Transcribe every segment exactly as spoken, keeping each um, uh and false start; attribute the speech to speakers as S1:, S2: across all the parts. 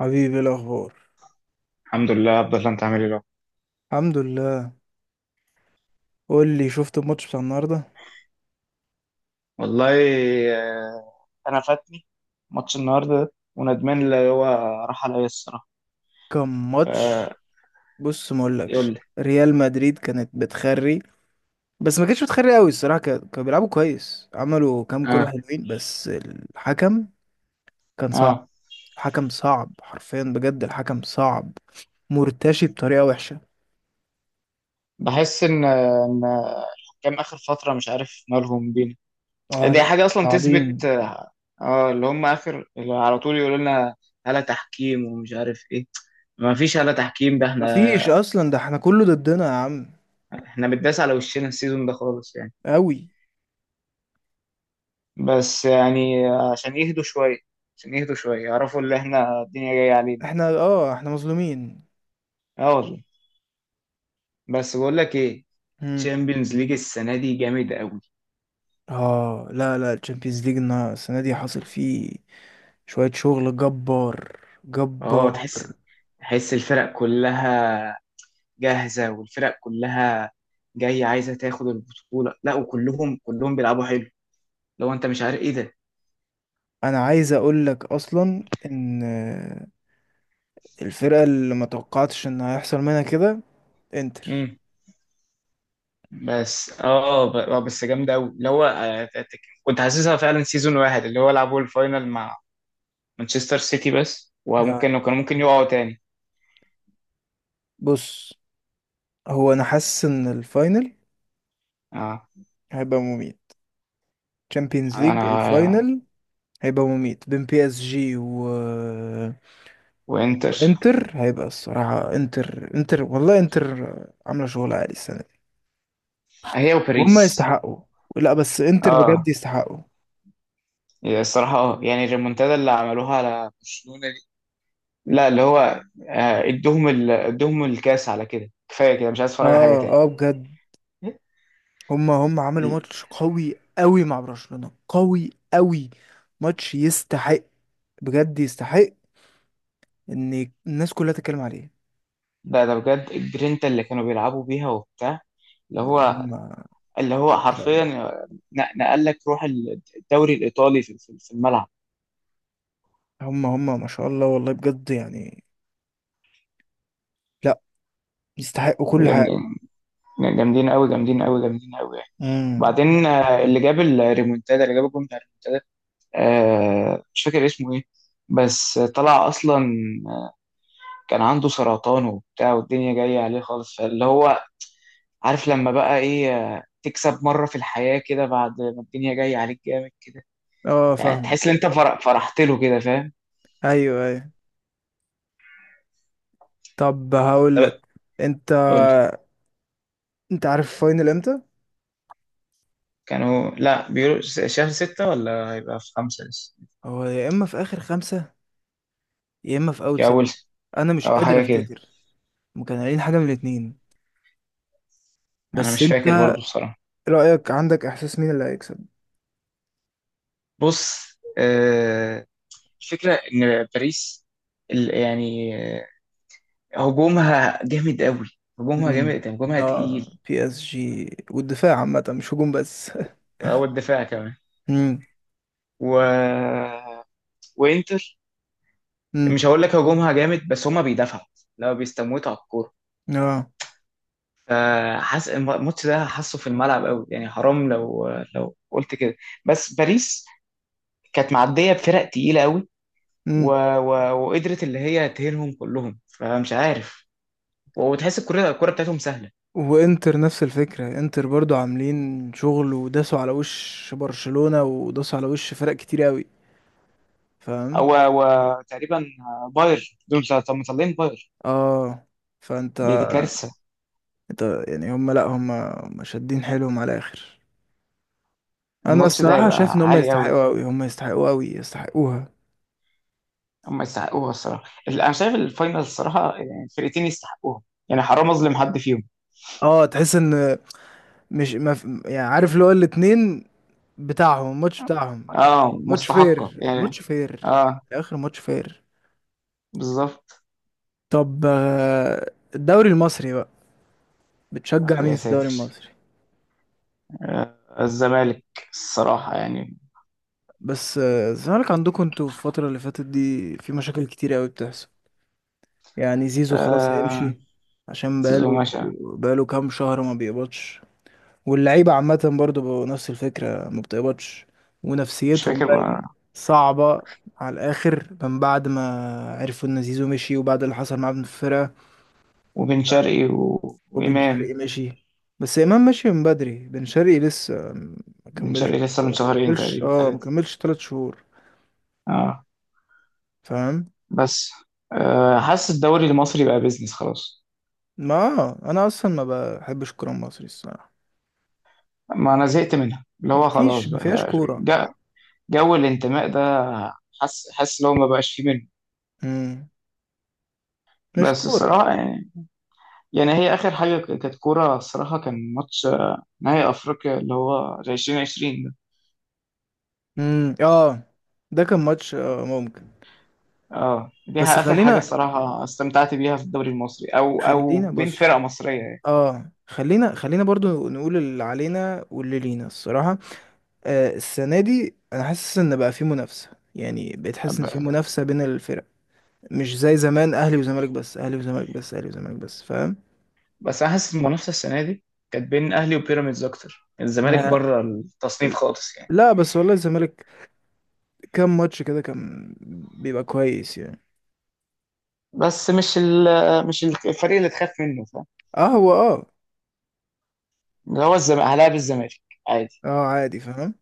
S1: حبيبي، إيه الاخبار؟
S2: الحمد لله عبد الله، انت عامل ايه بقى؟
S1: الحمد لله. قول لي، شفت الماتش بتاع النهارده؟
S2: والله، آه، انا فاتني ماتش النهارده ده وندمان، اللي هو راح عليا الصراحه.
S1: كان
S2: فيقول
S1: ماتش. بص ما اقولكش،
S2: لي
S1: ريال مدريد كانت بتخري. بس ما كانتش بتخري قوي الصراحه، كا- كانوا بيلعبوا كويس، عملوا كام كره
S2: اه
S1: حلوين، بس الحكم كان صعب.
S2: اه.
S1: حكم صعب حرفيا، بجد الحكم صعب، مرتشي بطريقه وحشه.
S2: بحس ان ان الحكام اخر فتره مش عارف مالهم بينا.
S1: اه
S2: دي
S1: لا،
S2: حاجه اصلا تثبت.
S1: صعبين.
S2: اه، آه، اللي هم اخر اللي على طول يقولوا لنا هلا تحكيم ومش عارف ايه. ما فيش هلا تحكيم ده، احنا
S1: مفيش اصلا، ده احنا كله ضدنا يا عم.
S2: احنا بنداس على وشنا السيزون ده خالص يعني.
S1: قوي.
S2: بس يعني عشان يهدوا شوية، عشان يهدوا شوية يعرفوا اللي احنا الدنيا جاية علينا.
S1: احنا، اه احنا مظلومين.
S2: اه والله. بس بقول لك ايه، تشامبيونز ليج السنة دي جامد قوي.
S1: اه لا لا، الشامبيونز ليج السنه دي حاصل فيه شويه شغل جبار
S2: اه،
S1: جبار.
S2: تحس، تحس الفرق كلها جاهزة، والفرق كلها جاية عايزة تاخد البطولة. لا، وكلهم كلهم بيلعبوا حلو، لو انت مش عارف ايه ده.
S1: انا عايز اقول لك اصلا ان الفرقه اللي ما توقعتش ان هيحصل منها كده، انتر.
S2: مم. بس اه ب- آه، بس جامدة قوي اللي هو. آه، كنت حاسسها فعلا سيزون واحد، اللي هو لعبوا الفاينل مع مانشستر سيتي بس،
S1: آه.
S2: وممكن كانوا ممكن يقعوا تاني.
S1: بص، هو انا حاسس ان الفاينل
S2: اه،
S1: هيبقى مميت. تشامبيونز ليج
S2: انا
S1: الفاينل هيبقى مميت بين بي اس جي و...
S2: وانتر.
S1: وانتر. هيبقى الصراحة انتر، انتر والله، انتر عاملة شغل عالي السنة.
S2: هي
S1: وهم
S2: وباريس.
S1: يستحقوا. لا بس انتر
S2: اه،
S1: بجد يستحقوا.
S2: هي الصراحه اه يعني الريمونتادا اللي عملوها على برشلونه دي، لا اللي هو، آه، ادوهم ال... ادوهم الكاس على كده، كفايه كده، مش عايز اتفرج على حاجه
S1: اه،
S2: تاني.
S1: اه بجد. هم هم عملوا ماتش قوي قوي مع برشلونة قوي قوي. ماتش يستحق، بجد يستحق ان الناس كلها تتكلم عليه.
S2: لا ده بجد الجرينتا اللي كانوا بيلعبوا بيها وبتاع، اللي
S1: لا هم
S2: هو،
S1: ما
S2: اللي هو
S1: شاء
S2: حرفيا
S1: الله.
S2: ن- نقل لك روح الدوري الايطالي في في- في الملعب.
S1: هم هم ما شاء الله والله بجد يعني. لا، يستحقوا كل حاجة.
S2: جامدين، جامدين قوي، جامدين قوي، جامدين قوي يعني.
S1: امم.
S2: وبعدين آه، اللي جاب الريمونتادا، اللي جاب الجون بتاع الريمونتادا، آه، مش فاكر اسمه ايه، بس طلع اصلا كان عنده سرطان وبتاع، والدنيا جاية عليه خالص، فاللي هو عارف، لما بقى ايه، آه، تكسب مرة في الحياة كده بعد ما الدنيا جاية عليك جامد كده.
S1: اه،
S2: يعني
S1: فاهم.
S2: تحس ان انت فر- فرحت له كده، فاهم.
S1: ايوه، ايوه. طب هقول
S2: طب
S1: لك، انت
S2: قول لي.
S1: انت عارف الفاينل امتى؟
S2: كانوا لا بيقولوا س- شهر ستة، ولا هيبقى في خمسة لسه.
S1: هو يا اما في اخر خمسة، يا اما في اول
S2: يا
S1: ستة.
S2: أول،
S1: انا مش
S2: أو
S1: قادر
S2: حاجة كده.
S1: افتكر. ما كانوا قايلين حاجه من الاتنين.
S2: أنا
S1: بس
S2: مش فاكر
S1: انت
S2: برضو بصراحة.
S1: رايك، عندك احساس مين اللي هيكسب؟
S2: بص، آه، الفكرة إن باريس ال- يعني هجومها جامد قوي، هجومها
S1: امم.
S2: جامد يعني، هجومها
S1: اه،
S2: تقيل.
S1: بي اس جي والدفاع عامه، مش هجوم بس.
S2: هو الدفاع كمان.
S1: امم.
S2: و... وانتر،
S1: امم.
S2: مش هقول لك هجومها جامد بس، هما بيدافعوا لو بيستموتوا على الكوره.
S1: اه.
S2: فحس الم- الماتش ده حاسه في الملعب قوي يعني، حرام لو، لو قلت كده. بس باريس كانت معديه بفرق تقيله قوي. و...
S1: امم.
S2: و... وقدرت اللي هي تهينهم كلهم، فمش عارف. وتحس الكره، الكره بتاعتهم سهله.
S1: وانتر نفس الفكره، انتر برضو عاملين شغل، وداسوا على وش برشلونه، وداسوا على وش فرق كتير قوي.
S2: او،
S1: فاهم؟
S2: وتقريبا باير، دول مطلعين باير،
S1: اه، فانت
S2: دي دي كارثه.
S1: انت يعني، هم، لا هم هم شادين حيلهم على الاخر. انا
S2: الماتش ده
S1: الصراحه
S2: هيبقى
S1: شايف ان هم
S2: عالي قوي.
S1: يستحقوا قوي، هم يستحقوا قوي، يستحقوها.
S2: هم يستحقوها الصراحه، ال- انا شايف الفاينل الصراحه يعني الفرقتين يستحقوها، يعني حرام اظلم حد فيهم.
S1: اه، تحس ان، مش ما في- يعني عارف اللي هو الاتنين بتاعهم، الماتش بتاعهم.
S2: اه
S1: ماتش
S2: مستحقه
S1: فير،
S2: يعني.
S1: الماتش فير.
S2: اه
S1: اخر ماتش فير.
S2: بالظبط.
S1: طب، آه، الدوري المصري بقى، بتشجع مين
S2: يا
S1: في الدوري
S2: ساتر،
S1: المصري؟
S2: آه الزمالك، الصراحه يعني،
S1: بس آه، الزمالك عندكم انتوا في الفترة اللي فاتت دي في مشاكل كتير قوي بتحصل. يعني زيزو خلاص
S2: آه
S1: هيمشي، عشان
S2: زيزو
S1: بقاله
S2: مشى.
S1: بقاله كام شهر ما بيقبضش. واللعيبة عامة برضو بقوا نفس الفكرة، ما بتقبضش.
S2: مش
S1: ونفسيتهم
S2: فاكر
S1: بقت
S2: بقى.
S1: صعبة على الآخر من بعد ما عرفوا إن زيزو مشي، وبعد اللي حصل معاه في الفرقة.
S2: وبن شرقي و...
S1: وبن
S2: وامام.
S1: شرقي مشي. بس إمام مشي من بدري، بن شرقي لسه ما
S2: بن
S1: كملش.
S2: شرقي لسه من
S1: ما
S2: شهرين
S1: كملش
S2: تقريبا
S1: اه ما
S2: ثلاثه.
S1: كملش تلات شهور.
S2: اه،
S1: فاهم.
S2: بس آه حاسس الدوري المصري بقى بيزنس خلاص.
S1: ما آه، أنا أصلا ما بحبش الكورة المصري الصراحة.
S2: ما انا زهقت منها اللي هو، خلاص
S1: مفيش، مفيهاش
S2: بقى
S1: كورة.
S2: جو الانتماء ده، حاسس، حاسس لو ما بقاش فيه منه.
S1: مم. مش
S2: بس
S1: كورة.
S2: الصراحة يعني, يعني هي آخر حاجة ك- كانت كورة الصراحة، كان ماتش آه، نهائي أفريقيا اللي هو ألفين وعشرين ده.
S1: مم، اه. ده كان ماتش آه ممكن.
S2: اه
S1: بس
S2: ديها آخر حاجة
S1: خلينا،
S2: الصراحة استمتعت بيها في الدوري المصري، أو أو
S1: خلينا
S2: بين
S1: بص،
S2: فرق مصرية يعني.
S1: اه خلينا خلينا برضو نقول اللي علينا واللي لينا الصراحة. آه السنة دي انا حاسس ان بقى في منافسة، يعني بقيت حاسس ان في
S2: ب-
S1: منافسة بين الفرق، مش زي زمان اهلي وزمالك بس اهلي وزمالك بس اهلي وزمالك بس. فاهم؟
S2: بس أنا حاسس المنافسة السنة دي كانت بين أهلي وبيراميدز أكتر، الزمالك
S1: ما
S2: بره التصنيف خالص يعني.
S1: لا، بس والله الزمالك كام ماتش كده كان بيبقى كويس يعني.
S2: بس مش ال مش الفريق اللي تخاف منه، فاهم،
S1: اه، هو اه.
S2: اللي هو الزمالك، هلاعب الزمالك.
S1: اه، عادي فاهم.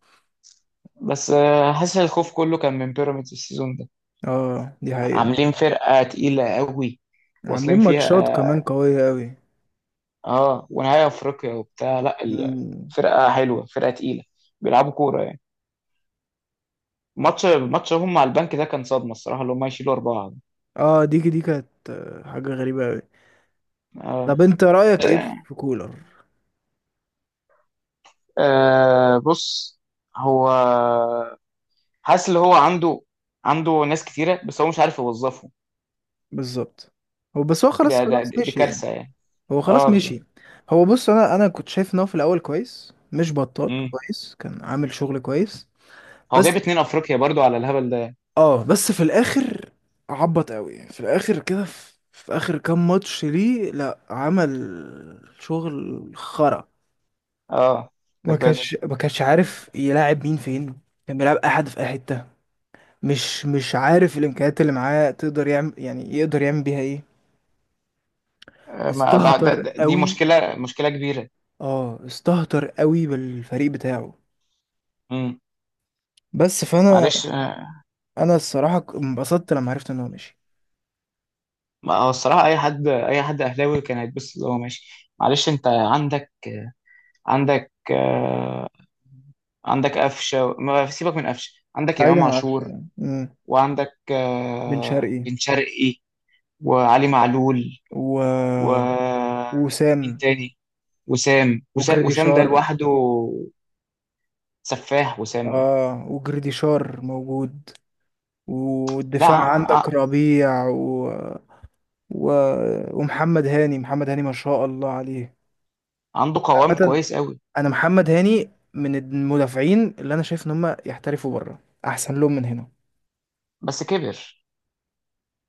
S2: بس آه، حاسس الخوف كله كان من بيراميدز السيزون ده،
S1: اه، دي حقيقة.
S2: عاملين فرقة تقيلة قوي،
S1: عاملين
S2: واصلين فيها.
S1: ماتشات كمان قوية قوي.
S2: اه ونهاية افريقيا وبتاع، لا ال-
S1: مم.
S2: فرقة حلوة، فرقة تقيلة، بيلعبوا كورة يعني. ماتش ماتش هم مع البنك ده كان صدمة الصراحة، اللي هم يشيلوا أربعة.
S1: اه، دي دي كانت آه، حاجة غريبة أوي.
S2: اه،
S1: طب، انت رأيك ايه في كولر؟
S2: آه، بص، هو حاسس اللي هو عنده، عنده ناس كتيرة، بس هو مش عارف يوظفهم.
S1: بالظبط. هو بس هو خلاص
S2: ده ده
S1: خلاص
S2: دي
S1: مشي يعني.
S2: كارثة يعني.
S1: هو
S2: اه
S1: خلاص
S2: بالظبط.
S1: مشي. هو بص، انا انا كنت شايف ان هو في الاول كويس، مش بطال،
S2: مم.
S1: كويس كان عامل شغل كويس.
S2: هو جايب
S1: بس
S2: اتنين افريقيا برضو على الهبل ده.
S1: اه بس في الاخر عبط قوي يعني. في الاخر كده، في, في اخر كام ماتش ليه، لا عمل شغل خرا.
S2: اه ده
S1: ما
S2: بجد.
S1: كانش ما كانش عارف يلاعب مين فين. كان بيلعب احد في اي حتة. مش مش عارف الامكانيات اللي معاه تقدر يعمل، يعني يقدر يعمل بيها ايه.
S2: ما ده ده
S1: استهتر
S2: ده- دي
S1: قوي.
S2: مشكلة، مشكلة كبيرة.
S1: اه، استهتر قوي بالفريق بتاعه.
S2: امم،
S1: بس فانا
S2: معلش. آه،
S1: انا الصراحه ك- انبسطت لما عرفت ان هو مشي.
S2: ما هو الصراحة أي حد، أي حد أهلاوي كان هيتبسط اللي هو ماشي. معلش، أنت عندك، عندك، آه، عندك قفشة، ما سيبك من قفشة، عندك إمام
S1: بعيدا عن
S2: عاشور،
S1: عشان مم.
S2: وعندك
S1: بن
S2: آه،
S1: شرقي
S2: بن شرقي، وعلي معلول،
S1: و...
S2: ومين
S1: وسام،
S2: تاني، وسام، وس- وسام ده
S1: وجريديشار.
S2: لوحده سفاح، وسام ده.
S1: اه، وجريديشار موجود.
S2: لا
S1: والدفاع عندك
S2: ع-
S1: ربيع و... و... ومحمد هاني، محمد هاني ما شاء الله عليه.
S2: عنده قوام
S1: عامه،
S2: كويس قوي،
S1: انا محمد هاني من المدافعين اللي انا شايف ان هم يحترفوا بره، احسن لهم من هنا.
S2: بس كبر.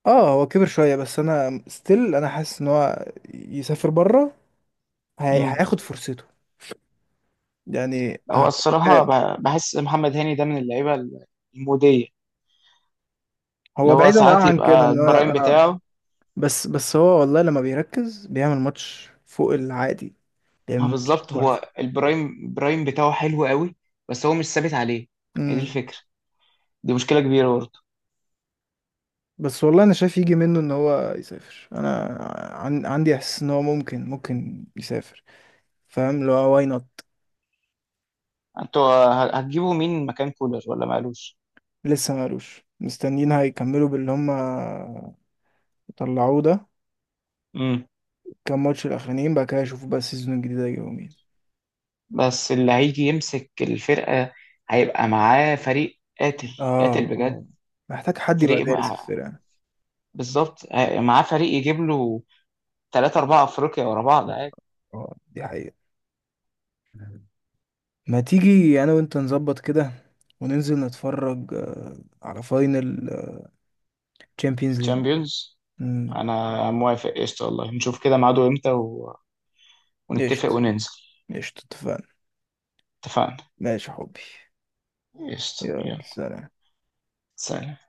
S1: اه، هو كبر شوية، بس انا ستيل انا حاسس ان هو يسافر بره. هي... هياخد فرصته يعني
S2: هو
S1: ه-.
S2: الصراحة ب- بحس محمد هاني ده من اللعيبة المودية، اللي
S1: هو
S2: هو
S1: بعيدا اه
S2: ساعات
S1: عن كده
S2: يبقى
S1: ان هو
S2: البرايم
S1: آه.
S2: بتاعه.
S1: بس بس هو والله لما بيركز بيعمل ماتش فوق العادي، بيعمل
S2: ما
S1: ماتش
S2: بالظبط، هو
S1: تحفة.
S2: البرايم، برايم بتاعه حلو قوي، بس هو مش ثابت عليه. هي دي
S1: امم.
S2: الفكرة، دي مشكلة كبيرة برضه.
S1: بس والله انا شايف يجي منه ان هو يسافر. انا عن... عندي احساس ان هو ممكن ممكن يسافر. فاهم لو واي نوت.
S2: انتوا ه- هتجيبوا مين مكان كولر، ولا مالوش.
S1: لسه مالوش، مستنيين هيكملوا باللي هم طلعوه ده
S2: امم.
S1: كام ماتش الاخرانيين بقى كده، اشوف بقى السيزون الجديد هيجيبوا مين.
S2: بس اللي هيجي يمسك الفرقة هيبقى معاه فريق قاتل،
S1: اه،
S2: قاتل بجد.
S1: اه، محتاج حد يبقى
S2: فريق
S1: دارس
S2: مع-
S1: الفرقة.
S2: بالظبط ه- معاه فريق يجيب له ثلاثة أربعة أفريقيا ورا بعض عادي.
S1: اه، دي حقيقة. ما تيجي انا وانت نظبط كده، وننزل نتفرج آه، على فاينل تشامبيونز ليج.
S2: تشامبيونز،
S1: امم.
S2: انا موافق، قشطة والله، نشوف كده ميعاده امتى و... ونتفق
S1: قشطة.
S2: وننزل.
S1: قشطة، اتفقنا.
S2: اتفقنا،
S1: ماشي يا حبي.
S2: قشطة،
S1: يلا،
S2: يلا،
S1: سلام.
S2: سلام.